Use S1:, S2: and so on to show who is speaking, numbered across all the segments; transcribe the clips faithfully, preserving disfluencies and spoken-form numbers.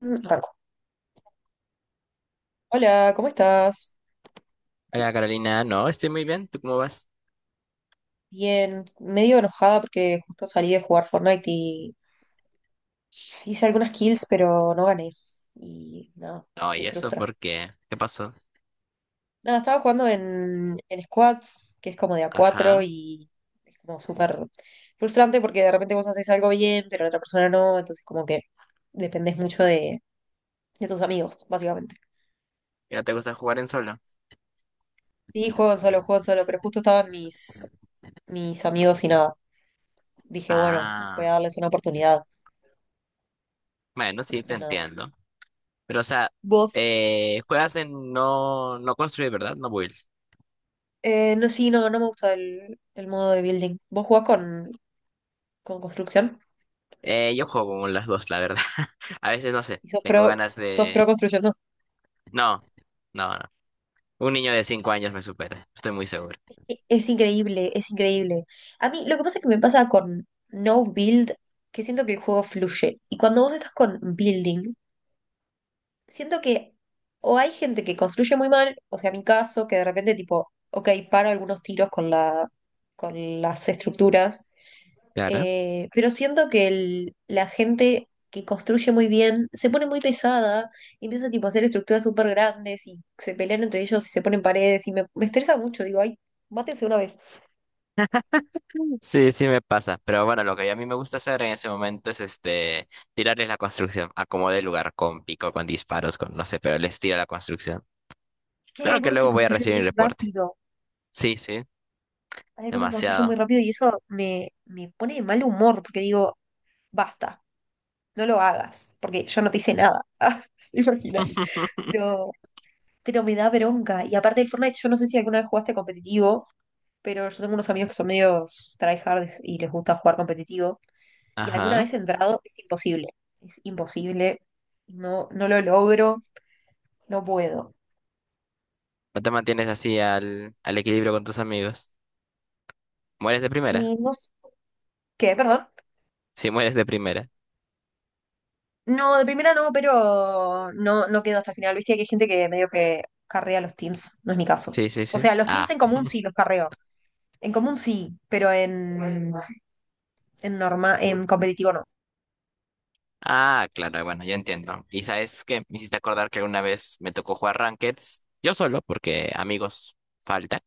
S1: Mm, Arranco. Hola, ¿cómo estás?
S2: Hola Carolina, no, estoy muy bien, ¿tú cómo vas?
S1: Bien, medio enojada porque justo salí de jugar Fortnite y hice algunas kills, pero no gané. Y nada,
S2: Oh,
S1: me
S2: ¿y eso
S1: frustra.
S2: por qué? ¿Qué pasó?
S1: Nada, estaba jugando en, en squads, que es como de a cuatro
S2: Ajá,
S1: y es como súper frustrante porque de repente vos haces algo bien, pero la otra persona no, entonces como que dependés mucho de, de tus amigos, básicamente.
S2: ¿y no te gusta jugar en solo?
S1: Sí, juego en solo, juego en solo, pero justo estaban mis, mis amigos y nada. Dije, bueno, voy
S2: Ah,
S1: a darles una oportunidad.
S2: bueno, sí, te
S1: Entonces nada.
S2: entiendo. Pero, o sea,
S1: Vos,
S2: eh, juegas en no, no construir, ¿verdad? No build.
S1: eh, no, sí, no, no me gusta el, el modo de building. ¿Vos jugás con, con construcción?
S2: Eh, yo juego con las dos, la verdad. A veces, no sé,
S1: ¿Y sos
S2: tengo
S1: pro,
S2: ganas
S1: sos pro
S2: de.
S1: construcción? No.
S2: No, no, no. Un niño de cinco años me supera, estoy muy seguro.
S1: E- Es, increíble, es increíble. A mí lo que pasa es que me pasa con no build, que siento que el juego fluye. Y cuando vos estás con building, siento que o hay gente que construye muy mal, o sea, mi caso, que de repente tipo, ok, paro algunos tiros con la, con las estructuras.
S2: Claro.
S1: Eh, pero siento que el- la gente que construye muy bien se pone muy pesada y empieza tipo, a hacer estructuras súper grandes y se pelean entre ellos y se ponen paredes y me, me estresa mucho. Digo, ay, mátense una vez.
S2: Sí, sí me pasa, pero bueno, lo que a mí me gusta hacer en ese momento es este tirarles la construcción, acomodé el lugar con pico, con disparos, con no sé, pero les tiro la construcción.
S1: Es que hay
S2: Claro que
S1: algunos que
S2: luego voy a
S1: construyen
S2: recibir
S1: muy
S2: el reporte.
S1: rápido.
S2: Sí, sí,
S1: Hay algunos que construyen muy
S2: demasiado.
S1: rápido y eso me, me pone de mal humor porque digo, basta, no lo hagas porque yo no te hice nada. Ah, ¿te imaginas? Pero, pero me da bronca. Y aparte del Fortnite, yo no sé si alguna vez jugaste competitivo, pero yo tengo unos amigos que son medios tryhards y les gusta jugar competitivo. Y alguna
S2: Ajá.
S1: vez he entrado, es imposible. Es imposible. No, no lo logro, no puedo.
S2: ¿No te mantienes así al, al equilibrio con tus amigos? ¿Mueres de primera?
S1: Y no s- ¿Qué? Perdón.
S2: Sí, mueres de primera.
S1: No, de primera no, pero no, no quedo hasta el final. Viste que hay gente que medio que carrea los teams. No es mi caso.
S2: Sí, sí,
S1: O
S2: sí.
S1: sea, los teams
S2: Ah,
S1: en común sí los carreo. En común sí, pero en, en norma, en competitivo no.
S2: ah, claro, bueno, yo entiendo. Y sabes que me hiciste acordar que una vez me tocó jugar Rankeds, yo solo, porque amigos faltan.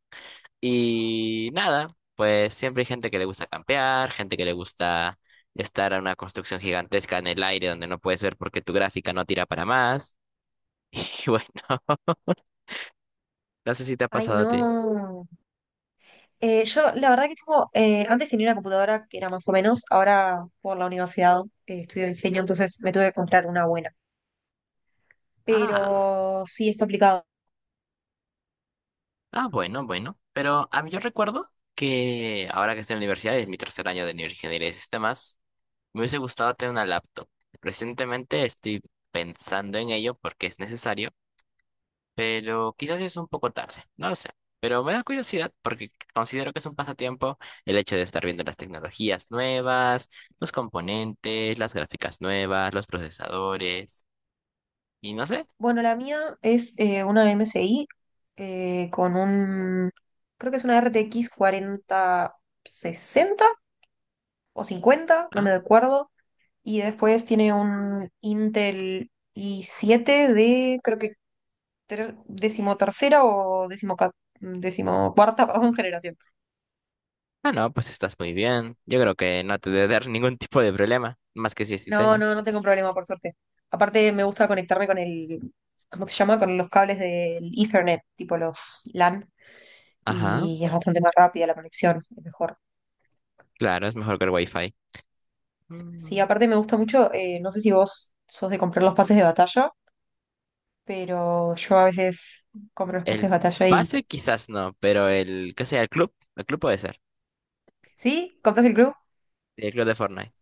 S2: Y nada, pues siempre hay gente que le gusta campear, gente que le gusta estar a una construcción gigantesca en el aire donde no puedes ver porque tu gráfica no tira para más. Y bueno, no sé si te ha
S1: Ay,
S2: pasado a ti.
S1: no. Eh, yo, la verdad que tengo, eh, antes tenía una computadora que era más o menos, ahora por la universidad eh, estudio diseño, entonces me tuve que comprar una buena.
S2: Ah,
S1: Pero sí, es complicado.
S2: ah, bueno, bueno. Pero a mí yo recuerdo que ahora que estoy en la universidad, es mi tercer año de ingeniería de sistemas, me hubiese gustado tener una laptop. Recientemente estoy pensando en ello porque es necesario, pero quizás es un poco tarde, no lo sé. Pero me da curiosidad porque considero que es un pasatiempo el hecho de estar viendo las tecnologías nuevas, los componentes, las gráficas nuevas, los procesadores y no sé.
S1: Bueno, la mía es eh, una M S I eh, con un, creo que es una R T X sesenta o cincuenta, no me
S2: Ah,
S1: acuerdo. Y después tiene un Intel i siete de, creo que ter- décimo tercera o décimo, décimo cuarta, perdón, generación.
S2: ah, no, pues estás muy bien. Yo creo que no te debe dar ningún tipo de problema, más que si es
S1: No,
S2: diseño.
S1: no, no tengo problema, por suerte. Aparte, me gusta conectarme con el, ¿cómo se llama? Con los cables del Ethernet, tipo los LAN,
S2: Ajá,
S1: y es bastante más rápida la conexión, es mejor.
S2: claro, es mejor que el Wi-Fi.
S1: Sí,
S2: Mm,
S1: aparte me gusta mucho, eh, no sé si vos sos de comprar los pases de batalla, pero yo a veces compro los pases de
S2: El
S1: batalla y...
S2: pase quizás no, pero el, ¿qué sea? El club, el club puede ser.
S1: ¿Sí? ¿Compras el club?
S2: El club de Fortnite.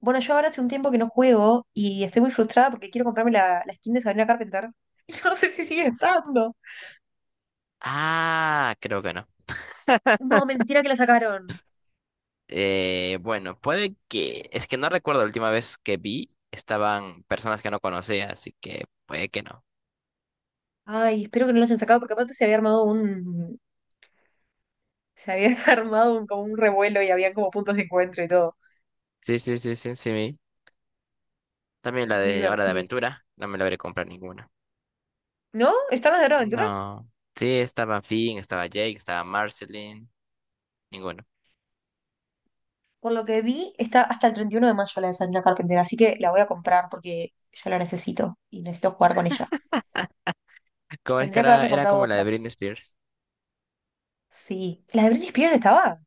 S1: Bueno, yo ahora hace un tiempo que no juego y estoy muy frustrada porque quiero comprarme la, la skin de Sabrina Carpenter. Y no sé si sigue estando.
S2: Ah, creo que no.
S1: No, mentira que la sacaron.
S2: Eh, bueno, puede que. Es que no recuerdo la última vez que vi, estaban personas que no conocía, así que puede que no.
S1: Ay, espero que no los hayan sacado porque aparte se había armado un, se había armado un, como un revuelo, y habían como puntos de encuentro y todo.
S2: Sí, sí, sí, sí, sí. vi. También la
S1: Muy
S2: de Hora de
S1: divertido.
S2: Aventura, no me logré comprar ninguna.
S1: ¿No? ¿Están las de Hora de Aventura?
S2: No. Sí, estaba Finn, estaba Jake, estaba Marceline, ninguno.
S1: Por lo que vi, está hasta el treinta y uno de mayo la de Sabrina Carpenter, así que la voy a comprar porque yo la necesito y necesito jugar con ella.
S2: ¿Cómo es que
S1: Tendría que
S2: era,
S1: haberme
S2: era
S1: comprado
S2: como la de Britney
S1: otras.
S2: Spears?
S1: Sí. ¿La de Britney Spears estaba?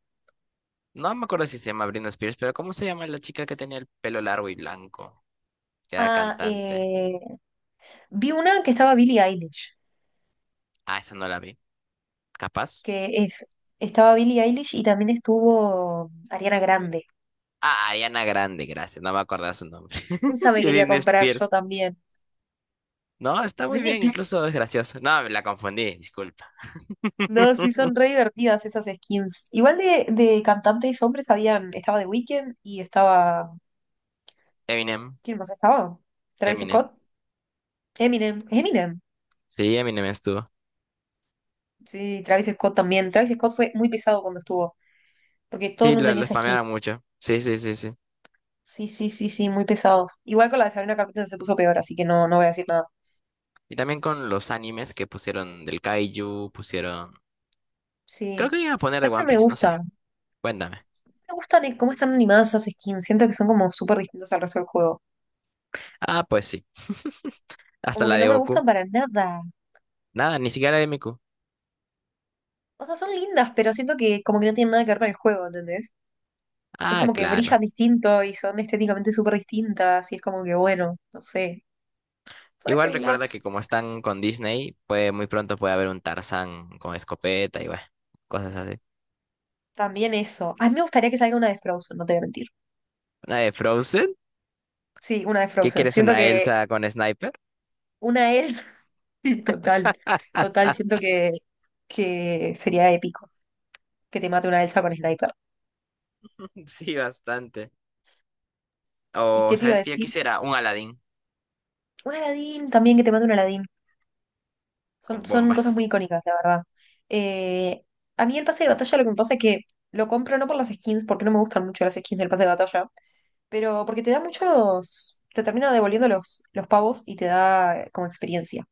S2: No me acuerdo si se llama Britney Spears, pero ¿cómo se llama la chica que tenía el pelo largo y blanco? Que era
S1: Ah,
S2: cantante.
S1: eh, vi una que estaba Billie Eilish,
S2: Ah, esa no la vi. ¿Capaz?
S1: que es, estaba Billie Eilish y también estuvo Ariana Grande.
S2: Ah, Ariana Grande, gracias, no me acordaba su nombre.
S1: Esa me
S2: Y
S1: quería
S2: Britney
S1: comprar yo
S2: Spears.
S1: también.
S2: No, está muy
S1: Britney
S2: bien,
S1: Spears.
S2: incluso es gracioso. No, la confundí, disculpa.
S1: No, sí son re divertidas esas skins. Igual de, de cantantes hombres habían, estaba The Weeknd y estaba,
S2: Eminem,
S1: ¿quién más estaba? Travis
S2: Eminem.
S1: Scott, Eminem, Eminem.
S2: Sí, Eminem estuvo.
S1: Sí, Travis Scott también. Travis Scott fue muy pesado cuando estuvo, porque todo el
S2: Sí,
S1: mundo
S2: lo,
S1: tenía
S2: lo
S1: esa skin.
S2: spamearon mucho. Sí, sí, sí, sí.
S1: Sí, sí, sí, sí, muy pesados. Igual con la de Sabrina Carpenter se puso peor, así que no, no voy a decir nada.
S2: Y también con los animes que pusieron del Kaiju, pusieron. Creo
S1: Sí.
S2: que iban a poner de
S1: ¿Sabes qué no
S2: One
S1: me
S2: Piece, no sé.
S1: gusta?
S2: Cuéntame.
S1: Me gustan eh, cómo están animadas esas skins. Siento que son como súper distintas al resto del juego.
S2: Ah, pues sí. Hasta
S1: Como que
S2: la
S1: no
S2: de
S1: me gustan
S2: Goku.
S1: para nada.
S2: Nada, ni siquiera la de Miku.
S1: O sea, son lindas, pero siento que como que no tienen nada que ver con el juego, ¿entendés? Es
S2: Ah,
S1: como que
S2: claro.
S1: brillan distinto y son estéticamente súper distintas, y es como que, bueno, no sé,
S2: Igual recuerda que
S1: sáquenlas.
S2: como están con Disney, pues muy pronto puede haber un Tarzán con escopeta y bueno, cosas así.
S1: También eso. A mí me gustaría que salga una de Frozen, no te voy a mentir.
S2: ¿Una de Frozen?
S1: Sí, una de
S2: ¿Qué
S1: Frozen.
S2: quieres,
S1: Siento
S2: una
S1: que
S2: Elsa con sniper?
S1: una es Sí, total, total, siento que, que sería épico que te mate una Elsa con Sniper.
S2: Sí, bastante.
S1: ¿Y
S2: O,
S1: qué te iba a
S2: ¿sabes qué yo
S1: decir?
S2: quisiera? Un Aladdin
S1: Un Aladdin también, que te mate un Aladdin. Son,
S2: con
S1: son cosas
S2: bombas.
S1: muy icónicas, la verdad. Eh, a mí el pase de batalla lo que me pasa es que lo compro no por las skins, porque no me gustan mucho las skins del pase de batalla. Pero porque te da muchos, te termina devolviendo los, los pavos y te da eh, como experiencia.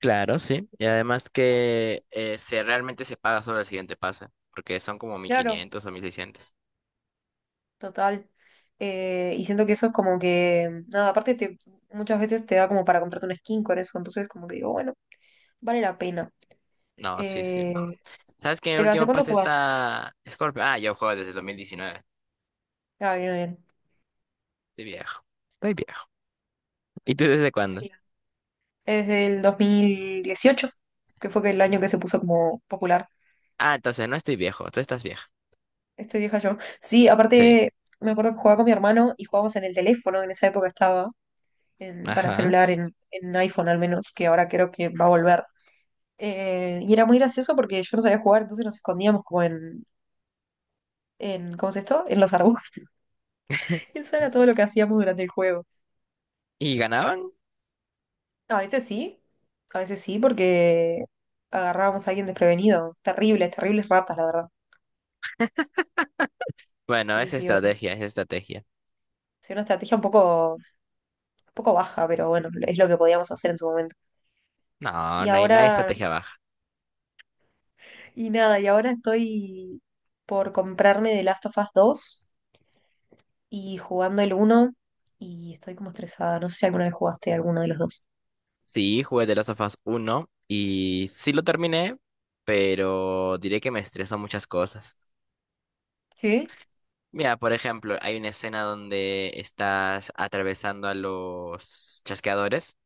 S2: Claro, sí. Y además que Eh, se realmente se paga solo el siguiente pase, porque son como
S1: Claro.
S2: mil quinientos o mil seiscientos.
S1: Total. Eh, y siento que eso es como que, nada, aparte te, muchas veces te da como para comprarte un skin con eso, entonces como que digo, bueno, vale la pena.
S2: No, sí, sí.
S1: Eh,
S2: ¿Sabes que el
S1: pero ¿hace
S2: último
S1: cuánto
S2: pase
S1: jugás?
S2: está Scorpio? Ah, yo juego desde el dos mil diecinueve.
S1: Ah, bien, bien.
S2: Estoy viejo. estoy viejo. ¿Y tú desde cuándo?
S1: Sí. Desde el dos mil dieciocho, que fue que el año que se puso como popular.
S2: Ah, entonces no estoy viejo, tú estás vieja.
S1: Estoy vieja yo. Sí,
S2: Sí.
S1: aparte me acuerdo que jugaba con mi hermano y jugábamos en el teléfono, en esa época estaba. en- para
S2: Ajá.
S1: celular, en, en iPhone al menos, que ahora creo que va a volver. Eh, y era muy gracioso porque yo no sabía jugar, entonces nos escondíamos como en, en ¿cómo es esto? En los arbustos. Eso era todo lo que hacíamos durante el juego.
S2: ¿Y ganaban?
S1: A veces sí, a veces sí, porque agarrábamos a alguien desprevenido. Terribles, terribles ratas, la verdad.
S2: Bueno,
S1: Sí,
S2: es
S1: sí, horrible.
S2: estrategia, es estrategia.
S1: Sí, una estrategia un poco, un poco baja, pero bueno, es lo que podíamos hacer en su momento.
S2: No,
S1: Y
S2: no hay, no hay
S1: ahora,
S2: estrategia baja.
S1: y nada, y ahora estoy por comprarme The Last of Us dos y jugando el uno, y estoy como estresada. No sé si alguna vez jugaste alguno de los dos.
S2: Sí, jugué The Last of Us uno y sí lo terminé, pero diré que me estresó muchas cosas.
S1: ¿Sí?
S2: Mira, por ejemplo, hay una escena donde estás atravesando a los chasqueadores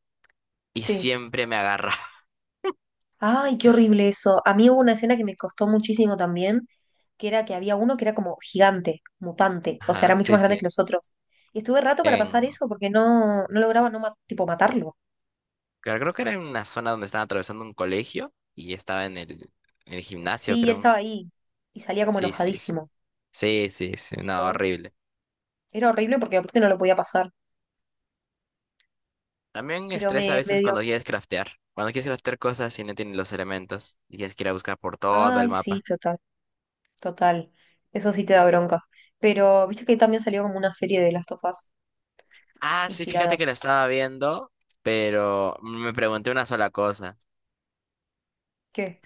S2: y
S1: Sí.
S2: siempre me agarra.
S1: Ay, qué horrible eso. A mí hubo una escena que me costó muchísimo también, que era que había uno que era como gigante, mutante, o sea, era
S2: Ajá,
S1: mucho
S2: sí,
S1: más
S2: sí.
S1: grande que los otros. Y estuve rato para pasar
S2: En,
S1: eso porque no, no, lograba no ma- tipo matarlo.
S2: creo creo que era en una zona donde estaban atravesando un colegio y estaba en el, en el gimnasio,
S1: Sí, y él estaba
S2: creo.
S1: ahí y salía como
S2: Sí, sí, sí.
S1: enojadísimo.
S2: Sí, sí, sí. No,
S1: Yo-
S2: horrible.
S1: Era horrible porque aparte no lo podía pasar,
S2: También
S1: pero
S2: estresa a
S1: me, me
S2: veces
S1: dio...
S2: cuando quieres craftear. Cuando quieres craftear cosas y no tienes los elementos y tienes que ir a buscar por todo el
S1: Ay, sí,
S2: mapa.
S1: total. Total, eso sí te da bronca. Pero viste que también salió como una serie de Last of Us
S2: Ah, sí, fíjate
S1: inspirada.
S2: que la estaba viendo, pero me pregunté una sola cosa.
S1: ¿Qué?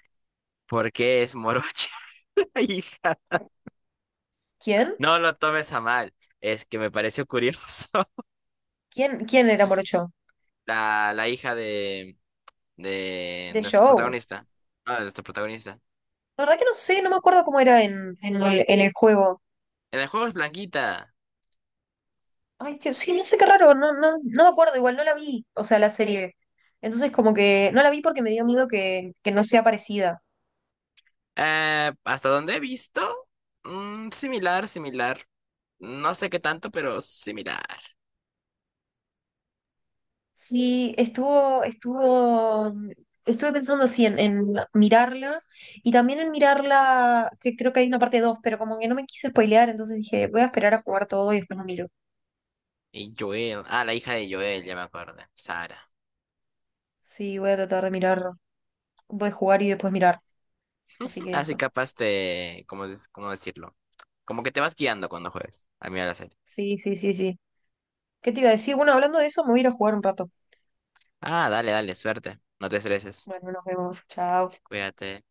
S2: ¿Por qué es morocha la hija?
S1: ¿Quién?
S2: No lo tomes a mal, es que me pareció curioso.
S1: ¿Quién, quién era Morocho?
S2: La, la hija de, de
S1: The
S2: nuestro
S1: Show.
S2: protagonista. No, de nuestro protagonista.
S1: La verdad que no sé, no me acuerdo cómo era en, en el, en el juego.
S2: En el juego es blanquita.
S1: Ay, que sí, no sé, qué raro, no, no, no me acuerdo, igual no la vi, o sea, la serie. Entonces como que no la vi porque me dio miedo que, que no sea parecida.
S2: Eh, ¿hasta donde he visto? Mm, similar, similar. No sé qué tanto, pero similar.
S1: Sí, estuvo, estuvo, mm, estuve pensando sí en, en mirarla y también en mirarla, que creo que hay una parte dos pero como que no me quise spoilear, entonces dije, voy a esperar a jugar todo y después lo miro.
S2: Y Joel, ah, la hija de Joel, ya me acuerdo, Sara.
S1: Sí, voy a tratar de mirar, voy a jugar y después mirar. Así que
S2: Así
S1: eso.
S2: capaz te, ¿cómo, des- cómo decirlo? Como que te vas guiando cuando juegas, al mirar la serie.
S1: Sí, sí, sí, sí. ¿Qué te iba a decir? Bueno, hablando de eso, me voy a ir a jugar un rato.
S2: Ah, dale, dale, suerte, no te estreses,
S1: Bueno, nos vemos. Chao.
S2: cuídate.